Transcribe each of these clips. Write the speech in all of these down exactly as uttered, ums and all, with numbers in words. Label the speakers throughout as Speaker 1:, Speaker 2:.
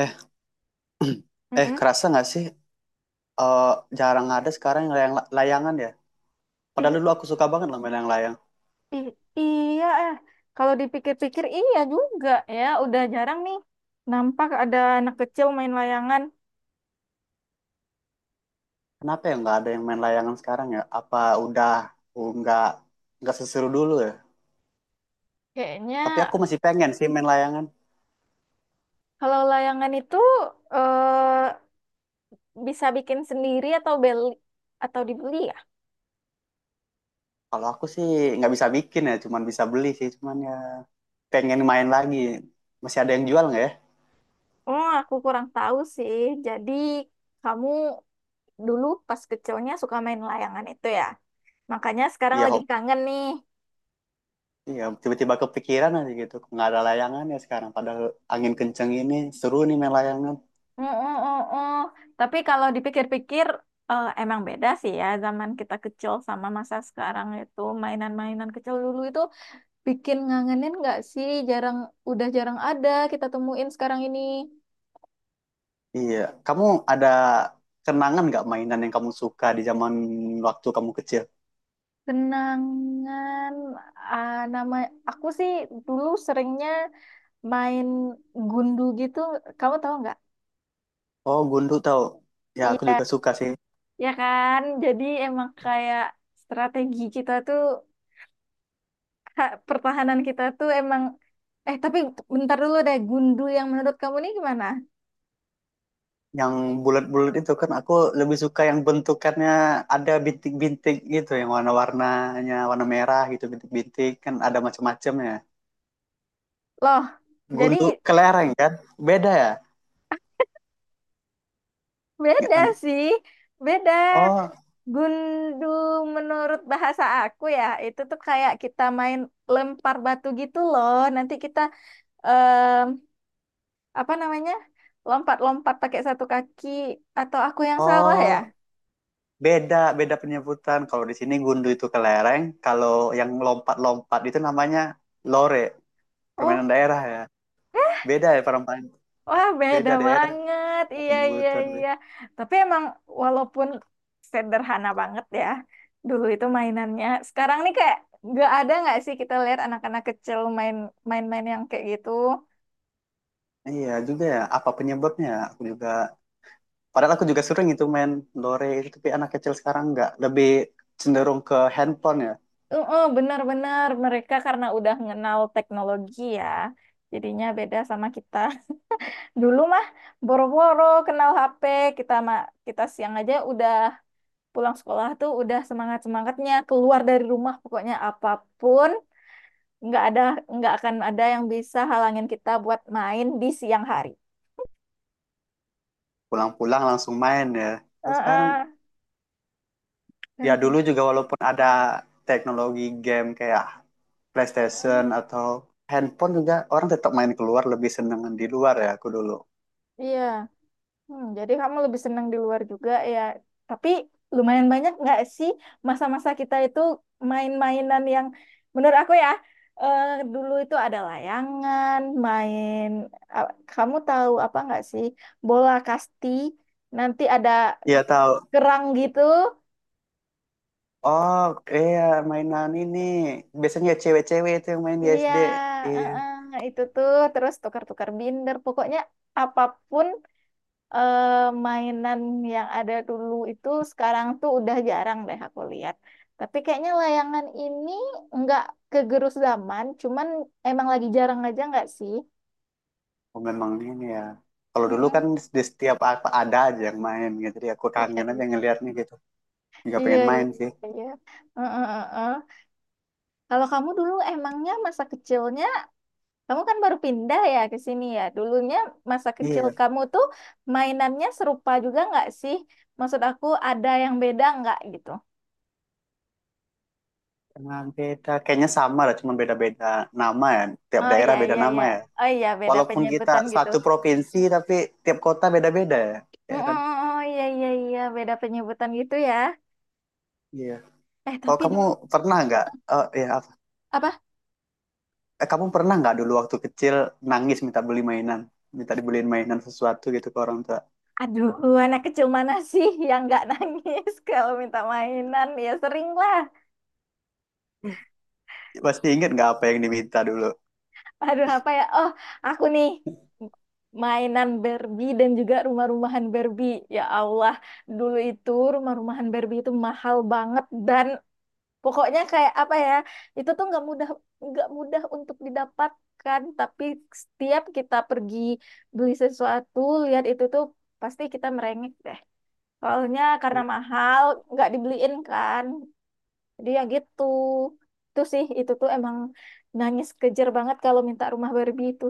Speaker 1: Eh, eh,
Speaker 2: Mm-mm.
Speaker 1: kerasa nggak sih? eh, Jarang ada sekarang yang layang- layangan ya. Padahal dulu
Speaker 2: Ih,
Speaker 1: aku suka banget loh main layang-layang.
Speaker 2: ih, iya, eh. Kalau dipikir-pikir iya juga ya. Udah jarang nih nampak ada anak kecil main layangan.
Speaker 1: Kenapa ya nggak ada yang main layangan sekarang ya? Apa udah uh, nggak nggak seseru dulu ya?
Speaker 2: Kayaknya
Speaker 1: Tapi aku masih pengen sih main layangan.
Speaker 2: kalau layangan itu eh, bisa bikin sendiri atau beli atau dibeli ya?
Speaker 1: Kalau aku sih nggak bisa bikin ya, cuman bisa beli sih. Cuman ya pengen main lagi. Masih ada yang jual nggak ya?
Speaker 2: Oh, aku kurang tahu sih. Jadi kamu dulu pas kecilnya suka main layangan itu ya? Makanya sekarang
Speaker 1: Iya,
Speaker 2: lagi
Speaker 1: hobi.
Speaker 2: kangen nih.
Speaker 1: Iya, tiba-tiba kepikiran aja gitu. Nggak ada layangan ya sekarang. Padahal angin kenceng ini seru nih main layangan.
Speaker 2: Mm, mm, mm, mm. Tapi kalau dipikir-pikir eh, emang beda sih ya zaman kita kecil sama masa sekarang itu mainan-mainan kecil dulu itu bikin ngangenin nggak sih? Jarang udah jarang ada kita temuin sekarang ini.
Speaker 1: Iya, kamu ada kenangan nggak mainan yang kamu suka di zaman waktu kamu kecil?
Speaker 2: Kenangan ah, nama aku sih dulu seringnya main gundu gitu. Kamu tahu nggak?
Speaker 1: Oh, gundu tahu. Ya, aku
Speaker 2: Iya,
Speaker 1: juga suka sih.
Speaker 2: ya kan. Jadi emang kayak strategi kita tuh ha, pertahanan kita tuh emang. Eh, tapi bentar dulu deh, Gundul yang menurut kamu nih gimana?
Speaker 1: Yang bulat-bulat itu kan aku lebih suka yang bentukannya ada bintik-bintik gitu, yang warna-warnanya warna merah gitu, bintik-bintik kan ada macam-macamnya.
Speaker 2: Loh, jadi
Speaker 1: Gundu kelereng kan? Beda ya? Nggak
Speaker 2: beda
Speaker 1: lanjut.
Speaker 2: sih. Beda.
Speaker 1: Oh,
Speaker 2: Gundul menurut bahasa aku ya, itu tuh kayak kita main lempar batu gitu loh. Nanti kita em, apa namanya? Lompat-lompat pakai satu kaki atau aku yang salah ya?
Speaker 1: oh, beda, beda penyebutan. Kalau di sini gundu itu kelereng, kalau yang lompat-lompat itu namanya lore, permainan
Speaker 2: Oh.
Speaker 1: daerah ya. Beda ya perempuan
Speaker 2: Wah, beda
Speaker 1: beda daerah
Speaker 2: banget.
Speaker 1: beda
Speaker 2: Iya, iya,
Speaker 1: penyebutan Be.
Speaker 2: iya. Tapi emang walaupun sederhana banget ya, dulu itu mainannya. Sekarang nih kayak nggak ada nggak sih kita lihat anak-anak kecil main main-main yang kayak gitu.
Speaker 1: Iya juga ya, apa penyebabnya aku juga padahal aku juga sering itu main lore itu, tapi anak kecil sekarang nggak, lebih cenderung ke handphone ya.
Speaker 2: Heeh, benar-benar mereka karena udah ngenal teknologi ya. Jadinya beda sama kita. Dulu mah boro-boro kenal H P, kita mah kita siang aja udah pulang sekolah tuh udah semangat-semangatnya keluar dari rumah pokoknya apapun nggak ada nggak akan ada yang bisa halangin kita buat main di siang hari.
Speaker 1: Pulang-pulang langsung main ya, terus sekarang
Speaker 2: Heeh.
Speaker 1: ya dulu juga walaupun ada teknologi game kayak PlayStation atau handphone juga orang tetap main keluar, lebih seneng di luar ya aku dulu.
Speaker 2: Iya. Hmm, jadi kamu lebih senang di luar juga ya. Tapi lumayan banyak nggak sih masa-masa kita itu main-mainan yang menurut aku ya eh, dulu itu ada layangan, main. ah, Kamu tahu apa nggak sih bola kasti? Nanti ada
Speaker 1: Iya tahu.
Speaker 2: kerang gitu.
Speaker 1: Oh iya, mainan ini biasanya ya cewek-cewek itu yang main di
Speaker 2: Iya,
Speaker 1: S D. Iya.
Speaker 2: heeh, itu tuh terus tukar-tukar binder. Pokoknya apapun eh, mainan yang ada dulu itu sekarang tuh udah jarang deh aku lihat. Tapi kayaknya layangan ini nggak kegerus zaman, cuman emang lagi jarang aja nggak sih?
Speaker 1: Oh, memang ini ya. Kalau dulu kan
Speaker 2: Mm-mm.
Speaker 1: di setiap apa ada aja yang main gitu. Jadi aku
Speaker 2: Iya,
Speaker 1: kangen aja ngeliatnya gitu. Nggak
Speaker 2: iya,
Speaker 1: pengen
Speaker 2: iya,
Speaker 1: main sih.
Speaker 2: iya. Heeh, heeh, heeh. Kalau kamu dulu emangnya masa kecilnya. Kamu kan baru pindah ya ke sini ya. Dulunya masa kecil
Speaker 1: Iya,
Speaker 2: kamu tuh mainannya serupa juga nggak sih? Maksud aku ada yang beda nggak gitu?
Speaker 1: emang beda. Kayaknya sama lah, cuma beda-beda nama ya. Tiap
Speaker 2: Oh
Speaker 1: daerah
Speaker 2: iya
Speaker 1: beda
Speaker 2: iya
Speaker 1: nama
Speaker 2: iya.
Speaker 1: ya.
Speaker 2: Oh iya beda
Speaker 1: Walaupun kita
Speaker 2: penyebutan gitu.
Speaker 1: satu provinsi, tapi tiap kota beda-beda ya. Ya
Speaker 2: Mm-mm,
Speaker 1: kan?
Speaker 2: oh iya iya iya beda penyebutan gitu ya.
Speaker 1: Iya.
Speaker 2: Eh
Speaker 1: Kalau
Speaker 2: tapi
Speaker 1: kamu
Speaker 2: dulu
Speaker 1: pernah nggak, eh ya apa?
Speaker 2: apa?
Speaker 1: Eh, kamu pernah nggak dulu waktu kecil nangis minta beli mainan? Minta dibeliin mainan sesuatu gitu ke orang tua.
Speaker 2: Aduh, anak kecil mana sih yang nggak nangis kalau minta mainan? Ya sering lah.
Speaker 1: Pasti inget nggak apa yang diminta dulu?
Speaker 2: Aduh, apa ya? Oh, aku nih mainan Barbie dan juga rumah-rumahan Barbie. Ya Allah, dulu itu rumah-rumahan Barbie itu mahal banget dan pokoknya kayak apa ya? Itu tuh nggak mudah nggak mudah untuk didapatkan. Tapi setiap kita pergi beli sesuatu, lihat itu tuh pasti kita merengek deh. Soalnya karena mahal, nggak dibeliin kan. Jadi ya gitu. Itu sih, itu tuh emang nangis kejer banget kalau minta rumah Barbie itu.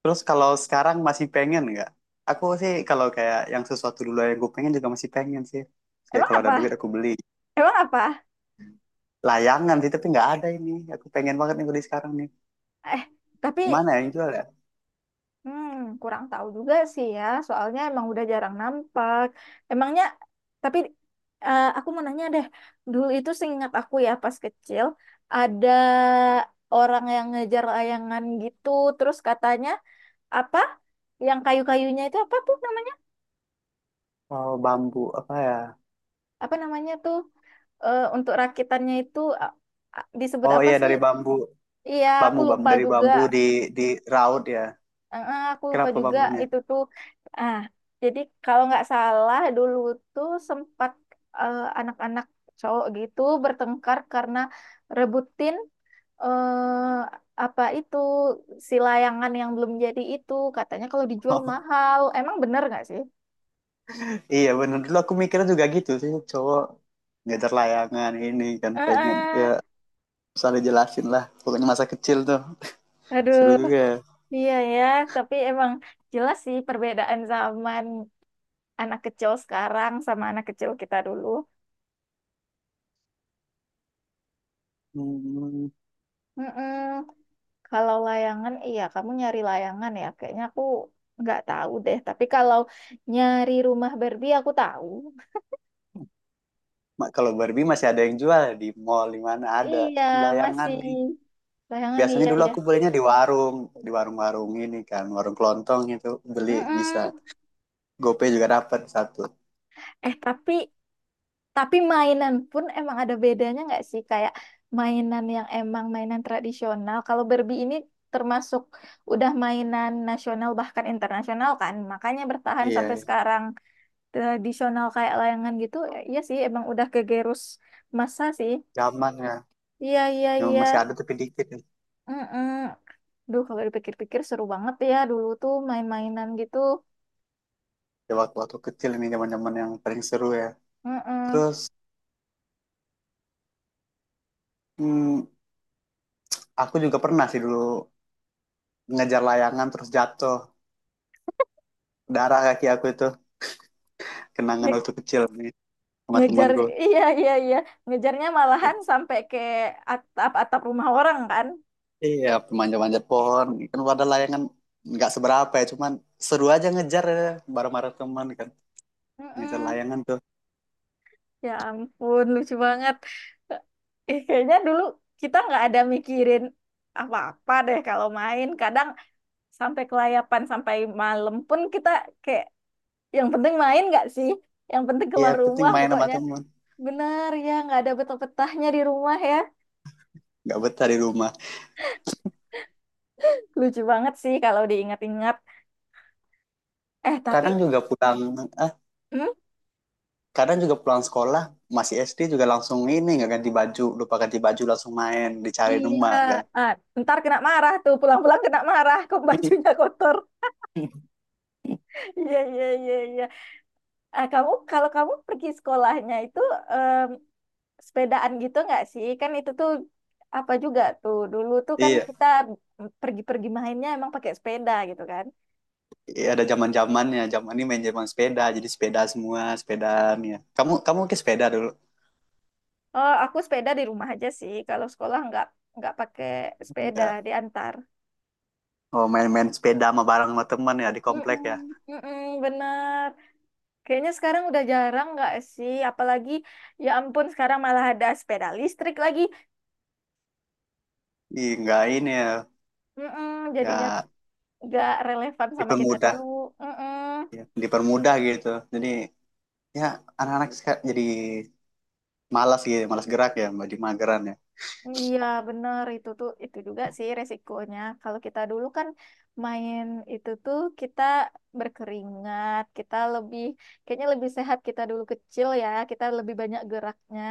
Speaker 1: Terus kalau sekarang masih pengen nggak? Aku sih kalau kayak yang sesuatu dulu yang gue pengen juga masih pengen sih. Kayak
Speaker 2: Emang
Speaker 1: kalau ada duit
Speaker 2: apa?
Speaker 1: aku beli.
Speaker 2: Emang apa?
Speaker 1: Layangan sih, tapi nggak ada ini. Aku pengen banget nih beli sekarang nih.
Speaker 2: Eh, tapi
Speaker 1: Gimana ya yang jual ya?
Speaker 2: hmm, kurang tahu juga sih ya. Soalnya emang udah jarang nampak. Emangnya, tapi eh, aku mau nanya deh. Dulu itu seingat aku ya pas kecil, ada orang yang ngejar layangan gitu. Terus katanya, apa? Yang kayu-kayunya itu apa tuh namanya?
Speaker 1: Oh, bambu. Apa ya?
Speaker 2: Apa namanya tuh? eh, untuk rakitannya itu a- a- disebut
Speaker 1: Oh
Speaker 2: apa
Speaker 1: iya,
Speaker 2: sih?
Speaker 1: dari bambu.
Speaker 2: Iya, aku
Speaker 1: Bambu, bambu.
Speaker 2: lupa
Speaker 1: Dari
Speaker 2: juga.
Speaker 1: bambu di, di raut ya.
Speaker 2: Ah, aku lupa
Speaker 1: Kenapa
Speaker 2: juga
Speaker 1: bambunya?
Speaker 2: itu tuh. Ah, jadi kalau nggak salah dulu tuh sempat eh, anak-anak cowok gitu bertengkar karena rebutin eh apa itu si layangan yang belum jadi itu katanya kalau dijual mahal. Emang bener nggak sih?
Speaker 1: Iya bener. Dulu aku mikirnya juga gitu sih. Cowok ngejar layangan ini kan pengen. Ya,
Speaker 2: Heeh.
Speaker 1: usah jelasin lah. Pokoknya masa kecil tuh.
Speaker 2: Aduh,
Speaker 1: Seru juga ya.
Speaker 2: iya ya, tapi emang jelas sih perbedaan zaman anak kecil sekarang sama anak kecil kita dulu.
Speaker 1: Hmm.
Speaker 2: Mm-mm. Kalau layangan, iya kamu nyari layangan ya. Kayaknya aku nggak tahu deh. Tapi kalau nyari rumah Barbie aku tahu.
Speaker 1: Ma- Kalau Barbie masih ada yang jual di mall, di mana ada
Speaker 2: Iya
Speaker 1: layangan
Speaker 2: masih
Speaker 1: nih.
Speaker 2: layangan
Speaker 1: Biasanya
Speaker 2: iya
Speaker 1: dulu
Speaker 2: ya.
Speaker 1: aku belinya di warung, di warung-warung ini kan, warung kelontong itu beli bisa.
Speaker 2: Mm-mm.
Speaker 1: GoPay juga dapat satu.
Speaker 2: Eh tapi tapi mainan pun emang ada bedanya nggak sih? Kayak mainan yang emang mainan tradisional. Kalau Barbie ini termasuk udah mainan nasional bahkan internasional kan. Makanya bertahan sampai
Speaker 1: Iya,
Speaker 2: sekarang tradisional kayak layangan gitu. Ya, iya sih emang udah kegerus masa sih.
Speaker 1: zaman ya.
Speaker 2: Iya, iya,
Speaker 1: Yang
Speaker 2: iya.
Speaker 1: masih ada tapi dikit nih.
Speaker 2: Mm-mm. Duh, kalau dipikir-pikir seru banget ya dulu tuh main-mainan gitu.
Speaker 1: Ya, waktu-waktu kecil ini zaman-zaman yang paling seru ya.
Speaker 2: Mm-mm.
Speaker 1: Terus hmm, aku juga pernah sih dulu ngejar layangan terus jatuh. Darah kaki aku itu kenangan waktu
Speaker 2: Nge-
Speaker 1: kecil nih sama
Speaker 2: Ngejar,
Speaker 1: temanku.
Speaker 2: iya, iya, iya. Ngejarnya malahan sampai ke atap-atap rumah orang kan.
Speaker 1: Iya, manja-manja pohon. Kan pada layangan nggak seberapa ya, cuman seru aja ngejar ya, bareng-bareng teman kan. Ngejar
Speaker 2: Mm-mm.
Speaker 1: layangan tuh.
Speaker 2: Ya ampun, lucu banget. Eh, eh, kayaknya dulu kita nggak ada mikirin apa-apa deh kalau main. Kadang sampai kelayapan, sampai malam pun kita kayak yang penting main nggak sih? Yang penting
Speaker 1: Iya,
Speaker 2: keluar
Speaker 1: penting
Speaker 2: rumah
Speaker 1: main sama
Speaker 2: pokoknya.
Speaker 1: teman.
Speaker 2: Benar ya, nggak ada betah-betahnya di rumah ya.
Speaker 1: Nggak betah di rumah.
Speaker 2: Lucu banget sih kalau diingat-ingat. Eh, tapi
Speaker 1: Kadang juga pulang, ah,
Speaker 2: hmm?
Speaker 1: kadang juga pulang sekolah, masih S D juga langsung ini, nggak ganti baju. Lupa ganti baju langsung main, dicari
Speaker 2: Iya,
Speaker 1: rumah kan.
Speaker 2: ah, ntar kena marah tuh, pulang-pulang kena marah, kok bajunya kotor. Iya, iya, iya, iya. Ah, kamu kalau kamu pergi sekolahnya itu em, sepedaan gitu nggak sih? Kan itu tuh apa juga tuh. Dulu tuh kan
Speaker 1: Iya,
Speaker 2: kita pergi-pergi mainnya emang pakai sepeda gitu kan.
Speaker 1: iya, ada zaman-zamannya. Zaman ini main zaman sepeda, jadi sepeda semua, sepedaan ya. Kamu kamu ke sepeda dulu?
Speaker 2: Oh, aku sepeda di rumah aja sih. Kalau sekolah nggak nggak pakai sepeda,
Speaker 1: Enggak.
Speaker 2: diantar.
Speaker 1: Oh, main-main sepeda sama bareng sama teman ya di komplek ya.
Speaker 2: Mm-mm, mm-mm, bener. Kayaknya sekarang udah jarang nggak sih? Apalagi, ya ampun, sekarang malah ada sepeda listrik lagi.
Speaker 1: Ih, nggak ini ya,
Speaker 2: Mm-mm, jadinya
Speaker 1: ya
Speaker 2: nggak relevan sama kita
Speaker 1: dipermudah,
Speaker 2: dulu. Mm-mm.
Speaker 1: ya, dipermudah gitu. Jadi ya anak-anak seka- jadi malas gitu, malas gerak ya, jadi mageran ya.
Speaker 2: Iya, benar. Itu tuh, itu juga sih resikonya. Kalau kita dulu kan main itu tuh kita berkeringat, kita lebih, kayaknya lebih sehat kita dulu kecil ya. Kita lebih banyak geraknya.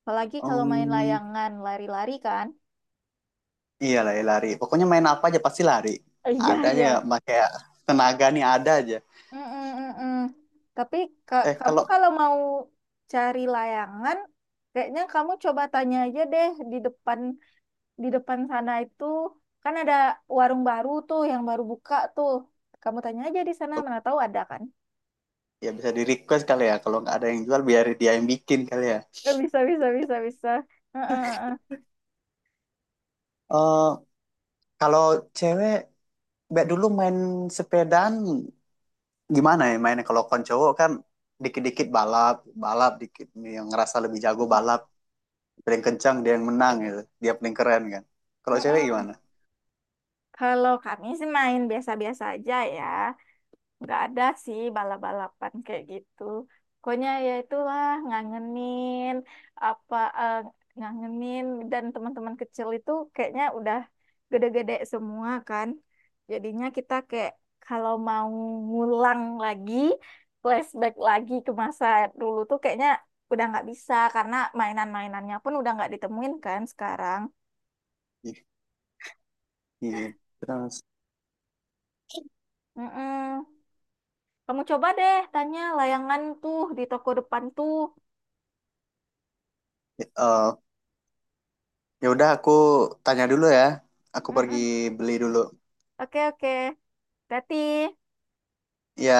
Speaker 2: Apalagi kalau main
Speaker 1: Um,
Speaker 2: layangan, lari-lari kan.
Speaker 1: Iyalah ya lari. Pokoknya main apa aja pasti lari.
Speaker 2: Iya,
Speaker 1: Ada aja
Speaker 2: iya.
Speaker 1: nggak pakai tenaga nih ada aja.
Speaker 2: Mm-mm-mm. Tapi ka-
Speaker 1: Eh
Speaker 2: kamu
Speaker 1: kalau
Speaker 2: kalau mau cari layangan, kayaknya kamu coba tanya aja deh di depan di depan sana itu kan ada warung baru tuh yang baru buka tuh. Kamu tanya aja di sana, mana tahu ada kan?
Speaker 1: ya bisa di request kali ya, kalau nggak ada yang jual biar dia yang bikin kali ya.
Speaker 2: Eh, bisa bisa bisa bisa. Mm-mm-mm.
Speaker 1: Eh kalau cewek, Mbak dulu main sepedaan gimana ya mainnya, kalau kon cowok kan dikit-dikit balap, balap dikit, yang ngerasa lebih jago balap paling kencang dia yang menang gitu, dia paling keren kan, kalau cewek
Speaker 2: Mm-mm.
Speaker 1: gimana?
Speaker 2: Kalau kami sih main biasa-biasa aja ya. Nggak ada sih balap-balapan kayak gitu. Pokoknya ya itulah ngangenin apa eh, ngangenin dan teman-teman kecil itu kayaknya udah gede-gede semua kan. Jadinya kita kayak kalau mau ngulang lagi, flashback lagi ke masa dulu tuh kayaknya udah nggak bisa karena mainan-mainannya pun udah nggak ditemuin kan sekarang.
Speaker 1: Ih, iya terus
Speaker 2: Mm-mm. Kamu coba deh tanya layangan tuh di toko depan tuh.
Speaker 1: eh, ya udah aku tanya dulu ya, aku pergi
Speaker 2: Mm-mm.
Speaker 1: beli dulu
Speaker 2: Oke, oke. Tati,
Speaker 1: ya,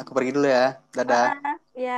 Speaker 1: aku pergi dulu ya, dadah
Speaker 2: heeh, ya.